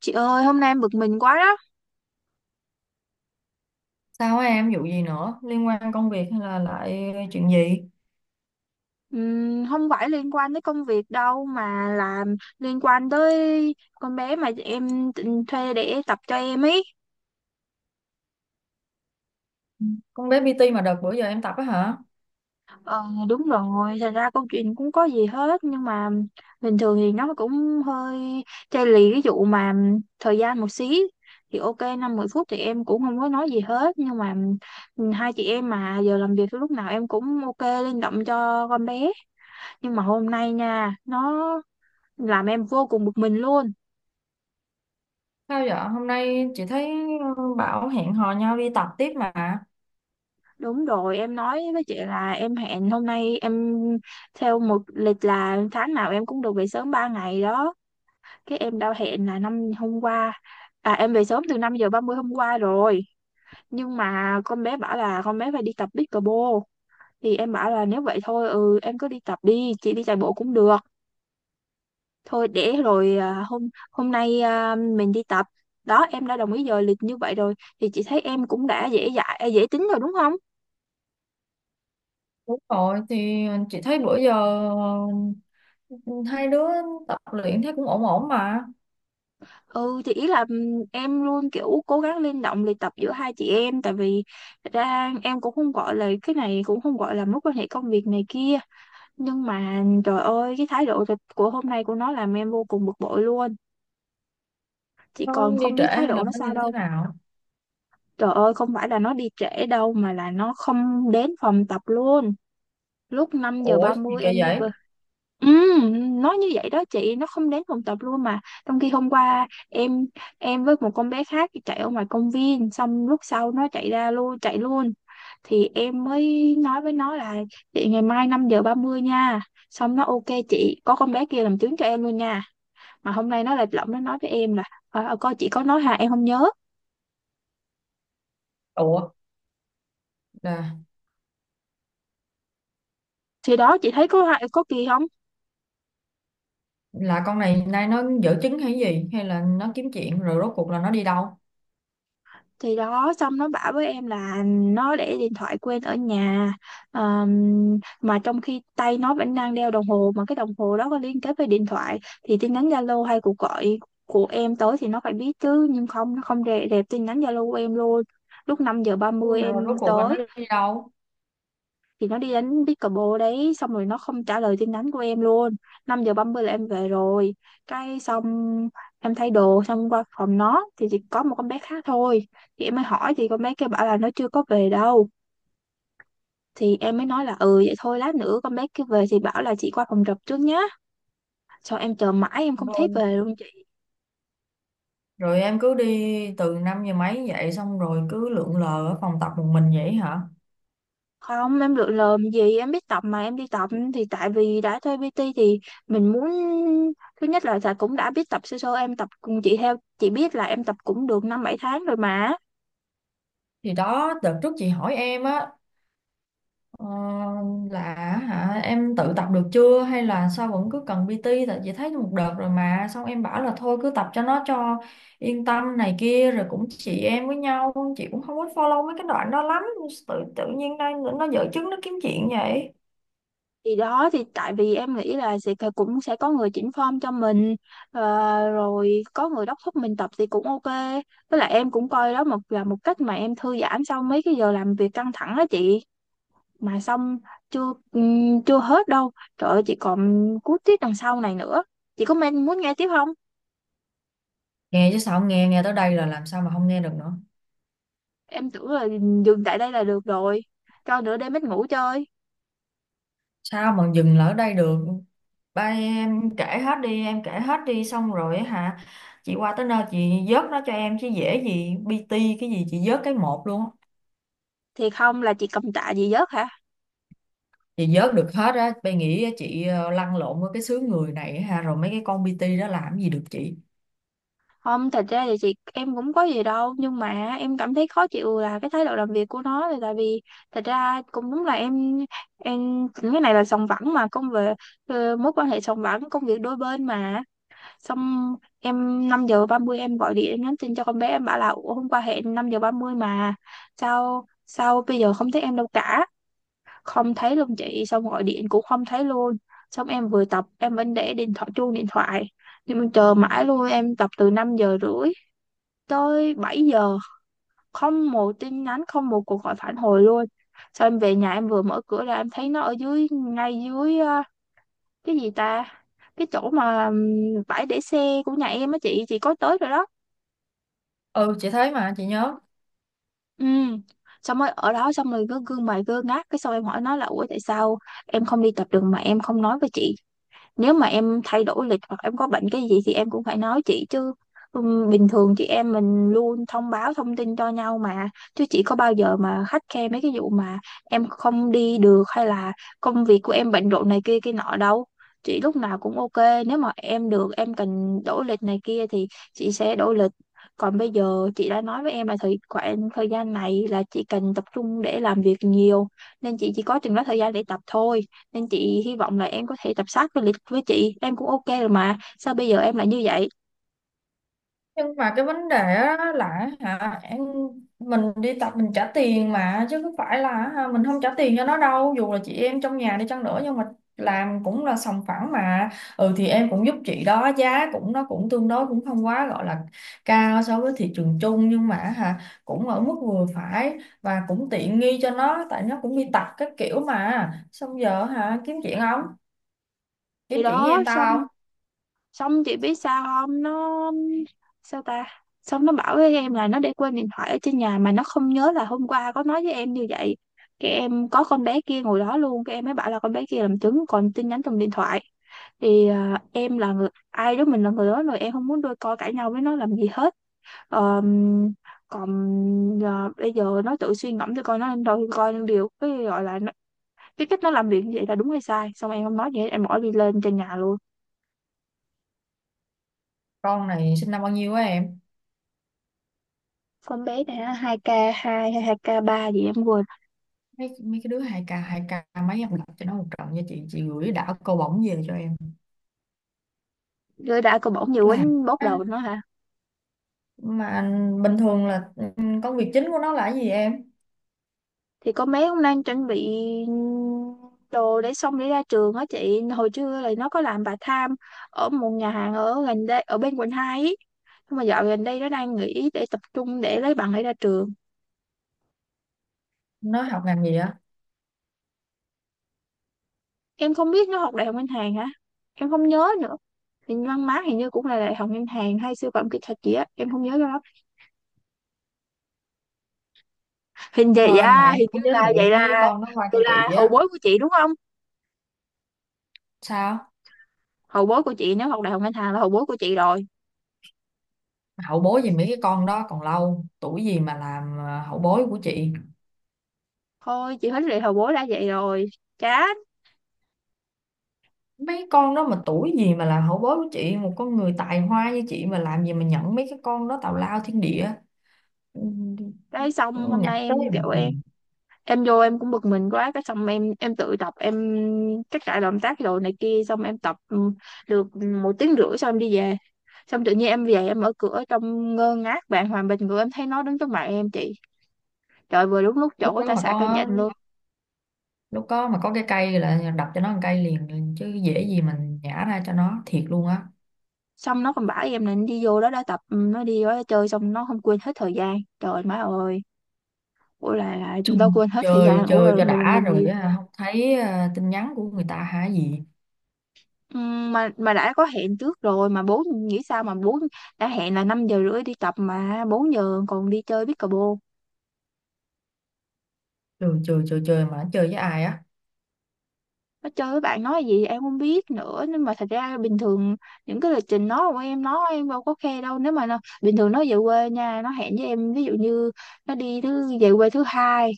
Chị ơi, hôm nay em bực mình quá đó. Sao á em vụ gì nữa? Liên quan công việc hay là lại chuyện gì? Không phải liên quan tới công việc đâu mà là liên quan tới con bé mà thuê để tập cho em ấy. Con bé PT mà đợt bữa giờ em tập á hả? Ờ, đúng rồi, thật ra câu chuyện cũng có gì hết nhưng mà bình thường thì nó cũng hơi chai lì cái vụ mà thời gian một xí. Thì ok năm mười phút thì em cũng không có nói gì hết, nhưng mà hai chị em mà giờ làm việc lúc nào em cũng ok linh động cho con bé, nhưng mà hôm nay nha nó làm em vô cùng bực mình luôn. Sao vậy? Hôm nay chị thấy bảo hẹn hò nhau đi tập tiếp mà. Đúng rồi, em nói với chị là em hẹn hôm nay em theo một lịch là tháng nào em cũng được về sớm 3 ngày đó, cái em đã hẹn là năm hôm qua, à em về sớm từ 5:30 hôm qua rồi, nhưng mà con bé bảo là con bé phải đi tập pickleball. Thì em bảo là nếu vậy thôi ừ em cứ đi tập đi, chị đi chạy bộ cũng được, thôi để rồi à, hôm hôm nay à, mình đi tập, đó em đã đồng ý giờ lịch như vậy rồi, thì chị thấy em cũng đã dễ dãi dễ tính rồi đúng không? Đúng rồi, thì chị thấy bữa giờ ờ, hai đứa tập luyện thấy cũng ổn ổn mà. Ừ thì ý là em luôn kiểu cố gắng linh động luyện tập giữa hai chị em, tại vì thật ra em cũng không gọi là cái này cũng không gọi là mối quan hệ công việc này kia, nhưng mà trời ơi cái thái độ thật của hôm nay của nó làm em vô cùng bực bội luôn, chị Nó còn đi không trễ biết thái hay là độ nó nó sao như thế đâu. nào? Trời ơi không phải là nó đi trễ đâu mà là nó không đến phòng tập luôn. Lúc 5 giờ Ủa, ba gì mươi kỳ em đi vậy? về. Nói như vậy đó chị, nó không đến phòng tập luôn, mà trong khi hôm qua em với một con bé khác chạy ở ngoài công viên xong lúc sau nó chạy ra luôn chạy luôn, thì em mới nói với nó là chị ngày mai 5:30 nha, xong nó ok chị, có con bé kia làm chứng cho em luôn nha. Mà hôm nay nó lại lộng, nó nói với em là "Ờ, ờ, coi chị có nói hà em không nhớ". Ủa, là, Thì đó chị thấy có hại có kỳ không? là con này nay nó dở chứng hay gì? Hay là nó kiếm chuyện rồi rốt cuộc là nó đi đâu? Thì đó xong nó bảo với em là nó để điện thoại quên ở nhà. Ờm, mà trong khi tay nó vẫn đang đeo đồng hồ mà cái đồng hồ đó có liên kết với điện thoại thì tin nhắn Zalo hay cuộc gọi của em tới thì nó phải biết chứ, nhưng không, nó không rẹp tin nhắn Zalo của em luôn. Lúc 5 giờ ba Nhưng mươi mà rồi em rốt cuộc là nó tới đi đâu? thì nó đi đánh pickleball đấy, xong rồi nó không trả lời tin nhắn của em luôn. Năm giờ 30 là em về rồi, cái xong em thay đồ xong qua phòng nó thì chỉ có một con bé khác thôi, thì em mới hỏi thì con bé kia bảo là nó chưa có về đâu, thì em mới nói là ừ vậy thôi lát nữa con bé kia về thì bảo là chị qua phòng trọ trước nhá. Xong em chờ mãi em không thấy Rồi về luôn. Rồi em cứ đi từ 5 giờ mấy vậy, xong rồi cứ lượn lờ ở phòng tập một mình vậy hả? Không, em lựa lờm gì, em biết tập mà em đi tập thì tại vì đã thuê PT thì mình muốn, thứ nhất là tại cũng đã biết tập sơ sơ, em tập cùng chị theo chị biết là em tập cũng được 5-7 tháng rồi mà. Thì đó, đợt trước chị hỏi em á, ờ, là hả em tự tập được chưa hay là sao vẫn cứ cần PT, tại chị thấy một đợt rồi mà, xong em bảo là thôi cứ tập cho nó cho yên tâm này kia, rồi cũng chị em với nhau, chị cũng không có follow mấy cái đoạn đó lắm, tự tự nhiên đây nó dở chứng nó kiếm chuyện vậy. Thì đó thì tại vì em nghĩ là sẽ cũng sẽ có người chỉnh form cho mình, ờ, rồi có người đốc thúc mình tập thì cũng ok. Với lại em cũng coi đó một là một cách mà em thư giãn sau mấy cái giờ làm việc căng thẳng đó chị. Mà xong chưa, chưa hết đâu, trời ơi chị còn cuối tiết đằng sau này nữa, chị có men muốn nghe tiếp không? Nghe chứ sao không nghe. Nghe tới đây là làm sao mà không nghe được nữa. Em tưởng là dừng tại đây là được rồi, cho nửa đêm ít ngủ chơi. Sao mà dừng lại ở đây được? Ba em kể hết đi, em kể hết đi xong rồi á hả? Chị qua tới nơi chị vớt nó cho em chứ dễ gì PT, cái gì chị vớt cái một luôn á. Thì không là chị cầm tạ gì giấc hả? Chị vớt được hết á, bay nghĩ chị lăn lộn với cái xứ người này ha, rồi mấy cái con PT đó làm gì được chị. Không, thật ra thì chị em cũng có gì đâu, nhưng mà em cảm thấy khó chịu là cái thái độ làm việc của nó, là tại vì thật ra cũng đúng là em cái này là sòng phẳng mà, công việc, ờ, mối quan hệ sòng phẳng công việc đôi bên mà. Xong em 5:30 em gọi điện nhắn tin cho con bé, em bảo là ủa, hôm qua hẹn 5:30 mà sao sao bây giờ không thấy em đâu cả, không thấy luôn chị, xong gọi điện cũng không thấy luôn. Xong em vừa tập em vẫn để điện thoại, chuông điện thoại nhưng mà chờ mãi luôn, em tập từ 5 giờ rưỡi tới 7 giờ không một tin nhắn không một cuộc gọi phản hồi luôn. Xong em về nhà em vừa mở cửa ra em thấy nó ở dưới ngay dưới à, cái gì ta, cái chỗ mà bãi để xe của nhà em á chị có tới rồi đó. Ừ, chị thấy mà chị nhớ. Ừ, xong rồi ở đó xong rồi cứ gương mày gương ngác, cái xong em hỏi nó là ủa tại sao em không đi tập được mà em không nói với chị? Nếu mà em thay đổi lịch hoặc em có bệnh cái gì thì em cũng phải nói chị chứ, bình thường chị em mình luôn thông báo thông tin cho nhau mà, chứ chị có bao giờ mà khắt khe mấy cái vụ mà em không đi được hay là công việc của em bận rộn này kia kia nọ đâu. Chị lúc nào cũng ok nếu mà em được em cần đổi lịch này kia thì chị sẽ đổi lịch, còn bây giờ chị đã nói với em là thời khoảng thời gian này là chị cần tập trung để làm việc nhiều nên chị chỉ có chừng đó thời gian để tập thôi, nên chị hy vọng là em có thể tập sát với lịch với chị em cũng ok rồi mà sao bây giờ em lại như vậy. Nhưng mà cái vấn đề á là hả em, mình đi tập mình trả tiền mà, chứ không phải là hả, mình không trả tiền cho nó đâu, dù là chị em trong nhà đi chăng nữa nhưng mà làm cũng là sòng phẳng mà. Ừ thì em cũng giúp chị đó, giá cũng nó cũng tương đối, cũng không quá gọi là cao so với thị trường chung, nhưng mà hả cũng ở mức vừa phải và cũng tiện nghi cho nó, tại nó cũng đi tập các kiểu mà, xong giờ hả kiếm chuyện không, Thì kiếm chuyện với đó em xong, tao không? xong chị biết sao không nó, sao ta, xong nó bảo với em là nó để quên điện thoại ở trên nhà mà nó không nhớ là hôm qua có nói với em như vậy, cái em có con bé kia ngồi đó luôn, cái em mới bảo là con bé kia làm chứng còn tin nhắn trong điện thoại. Thì à, em là người ai đó mình là người đó rồi, em không muốn đôi co cãi nhau với nó làm gì hết. Ờ, còn ờ, bây giờ nó tự suy ngẫm cho coi nó đâu coi điều cái gọi là nó, cái cách nó làm việc như vậy là đúng hay sai, xong em không nói gì hết em bỏ đi lên trên nhà luôn. Con này sinh năm bao nhiêu á em? Con bé này á, 2 k hai hay 2 k ba gì em quên Mấy mấy cái đứa 2K 2K mấy, em đọc cho nó một trận nha, chị gửi đảo câu bổng về cho em rồi đã có bỏng nhiều làm quýnh bóp ăn. đầu nó hả. Mà bình thường là công việc chính của nó là cái gì em? Thì con bé cũng đang chuẩn bị đồ để xong để ra trường á chị, hồi trưa là nó có làm bà tham ở một nhà hàng ở gần đây ở bên quận 2 ý, nhưng mà dạo gần đây nó đang nghỉ để tập trung để lấy bằng để ra trường. Nó học ngành gì á? Em không biết, nó học đại học ngân hàng hả, em không nhớ nữa, hình văn má hình như cũng là đại học ngân hàng hay sư phạm kỹ thuật gì á em không nhớ cho lắm, hình vậy Hơn mà à em hình như cũng giới là thiệu vậy, là mấy con nó qua cho vậy là chị hậu á? bối của chị đúng không? Sao? Hậu bối của chị nếu học đại học ngân hàng là hậu bối của chị rồi. Hậu bối gì, mấy cái con đó còn lâu tuổi gì mà làm hậu bối của chị. Thôi chị hết lệ hậu bối đã vậy rồi, chán. Mấy con đó mà tuổi gì mà làm hậu bối của chị, một con người tài hoa như chị mà làm gì mà nhận mấy cái con đó tào lao thiên địa. Ừ, Đấy, xong hôm nhặt nay em tới bực kiểu em mình. em vô em cũng bực mình quá cái xong em tự tập em các cả động tác rồi này kia xong em tập ừ, được 1 tiếng rưỡi xong em đi về. Xong tự nhiên em về em mở cửa trong ngơ ngác bàng hoàng bình ngựa em thấy nó đứng trước mặt em chị, trời vừa đúng lúc Lúc chỗ đó ta mà xả cơn giận con, luôn. lúc có mà có cái cây là đập cho nó một cây liền, chứ dễ gì mình nhả ra cho nó thiệt luôn á. Xong nó còn bảo em là nó đi vô đó đã tập, ừ, nó đi vô đó chơi xong nó không quên hết thời gian trời má ơi, ủa là đâu Chung quên hết thời chơi gian ủa chơi rồi cho mình, đã rồi mình á, không thấy tin nhắn của người ta hả gì. Mà đã có hẹn trước rồi mà bố nghĩ sao mà bố đã hẹn là 5 giờ rưỡi đi tập mà 4 giờ còn đi chơi pickleball. Chơi chơi chơi chơi mà nó chơi với ai á? Nó chơi với bạn nói gì em không biết nữa. Nhưng mà thật ra bình thường những cái lịch trình nó của em nó em đâu có khe đâu. Nếu mà nó, bình thường nó về quê nha, nó hẹn với em ví dụ như nó đi thứ về quê thứ hai,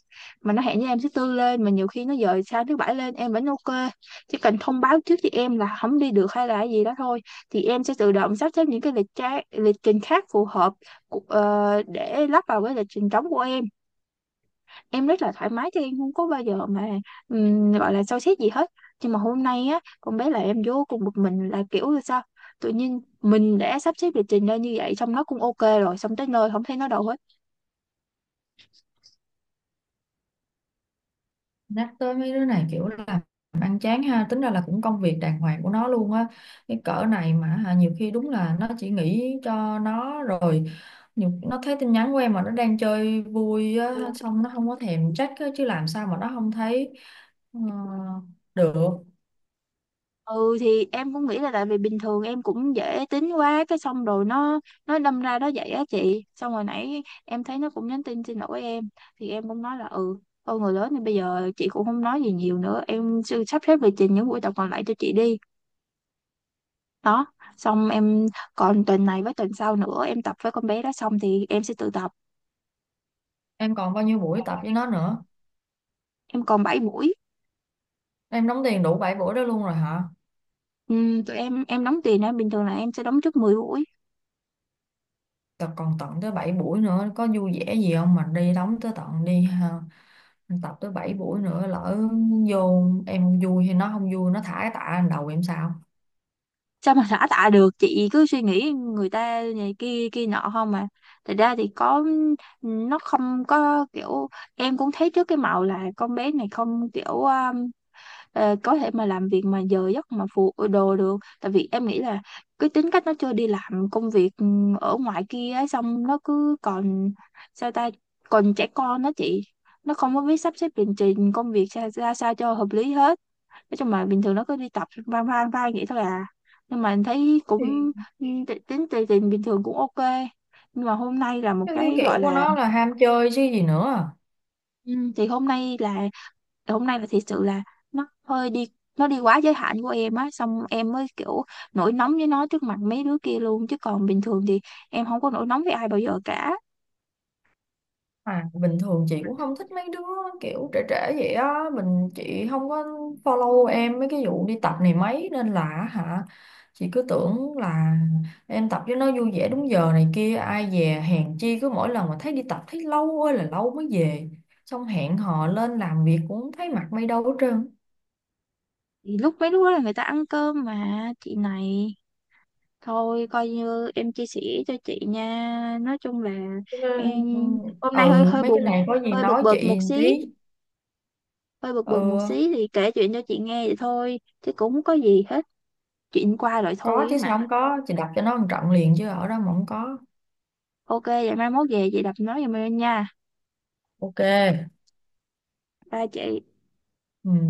mà nó hẹn với em thứ tư lên, mà nhiều khi nó dời sang thứ bảy lên em vẫn ok. Chỉ cần thông báo trước với em là không đi được hay là cái gì đó thôi, thì em sẽ tự động sắp xếp những cái lịch trình khác phù hợp để lắp vào cái lịch trình trống của em. Em rất là thoải mái chứ em không có bao giờ mà gọi là soi xét gì hết. Nhưng mà hôm nay á con bé là em vô cùng bực mình, là kiểu là sao tự nhiên mình đã sắp xếp lịch trình ra như vậy, xong nó cũng ok rồi, xong tới nơi không thấy nó đâu hết. Nhắc tới mấy đứa này kiểu là ăn chán ha, tính ra là cũng công việc đàng hoàng của nó luôn á. Cái cỡ này mà hả, nhiều khi đúng là nó chỉ nghĩ cho nó rồi nhiều, nó thấy tin nhắn của em mà nó đang chơi vui á, xong nó không có thèm check á, chứ làm sao mà nó không thấy ờ, được. Ừ thì em cũng nghĩ là tại vì bình thường em cũng dễ tính quá cái xong rồi nó đâm ra đó vậy á chị. Xong hồi nãy em thấy nó cũng nhắn tin xin lỗi em, thì em cũng nói là ừ thôi, người lớn thì bây giờ chị cũng không nói gì nhiều nữa, em sẽ sắp xếp lịch trình những buổi tập còn lại cho chị đi. Đó. Xong em còn tuần này với tuần sau nữa em tập với con bé đó, xong thì em sẽ tự tập. Em còn bao nhiêu buổi tập với nó nữa? Em còn 7 buổi. Em đóng tiền đủ 7 buổi đó luôn rồi hả? Ừ, tụi em đóng tiền á, bình thường là em sẽ đóng trước 10 buổi. Tập còn tận tới 7 buổi nữa, có vui vẻ gì không mà đi đóng tới tận đi ha. Tập tới 7 buổi nữa, lỡ vô em không vui hay nó không vui nó thả cái tạ lên đầu em sao? Sao mà xả tạ được chị, cứ suy nghĩ người ta này kia kia nọ không mà. Thật ra thì có, nó không có kiểu. Em cũng thấy trước cái màu là con bé này không kiểu có thể mà làm việc mà giờ giấc mà phụ đồ được. Tại vì em nghĩ là cái tính cách nó chưa đi làm công việc ở ngoài kia á, xong nó cứ còn sao ta, còn trẻ con đó chị. Nó không có biết sắp xếp lịch trình công việc ra sao cho hợp lý hết. Nói chung là bình thường nó cứ đi tập van van van vậy thôi à. Nhưng mà thấy cũng thì ừ, tính tiền bình thường cũng ok. Nhưng mà hôm nay là một Cái, cái cái kiểu gọi của là nó là ham chơi chứ gì nữa. ừ, thì hôm nay là thật sự là nó hơi đi, nó đi quá giới hạn của em á, xong em mới kiểu nổi nóng với nó trước mặt mấy đứa kia luôn, chứ còn bình thường thì em không có nổi nóng với ai bao giờ cả. À, bình thường chị cũng không thích mấy đứa kiểu trẻ trẻ vậy á, mình chị không có follow em mấy cái vụ đi tập này mấy, nên là hả chị cứ tưởng là em tập cho nó vui vẻ đúng giờ này kia, ai dè hèn chi cứ mỗi lần mà thấy đi tập thấy lâu ơi là lâu mới về, xong hẹn hò lên làm việc cũng thấy mặt mày đâu hết trơn. Thì lúc mấy đứa đó là người ta ăn cơm mà chị này. Thôi coi như em chia sẻ cho chị nha. Nói chung là Ừ. em Ừ, hôm nay hơi ừ, hơi mấy cái buồn, này có gì hơi bực nói bực chị một một xí. tí. Hơi bực bực một Ừ, xí thì kể chuyện cho chị nghe vậy thôi chứ cũng không có gì hết. Chuyện qua rồi có thôi ấy chứ mà. sao không có, chị đập cho nó một trận liền chứ ở đó mà không có. Ok, vậy mai mốt về chị đập nói giùm em nha OK. ba chị. Ừ.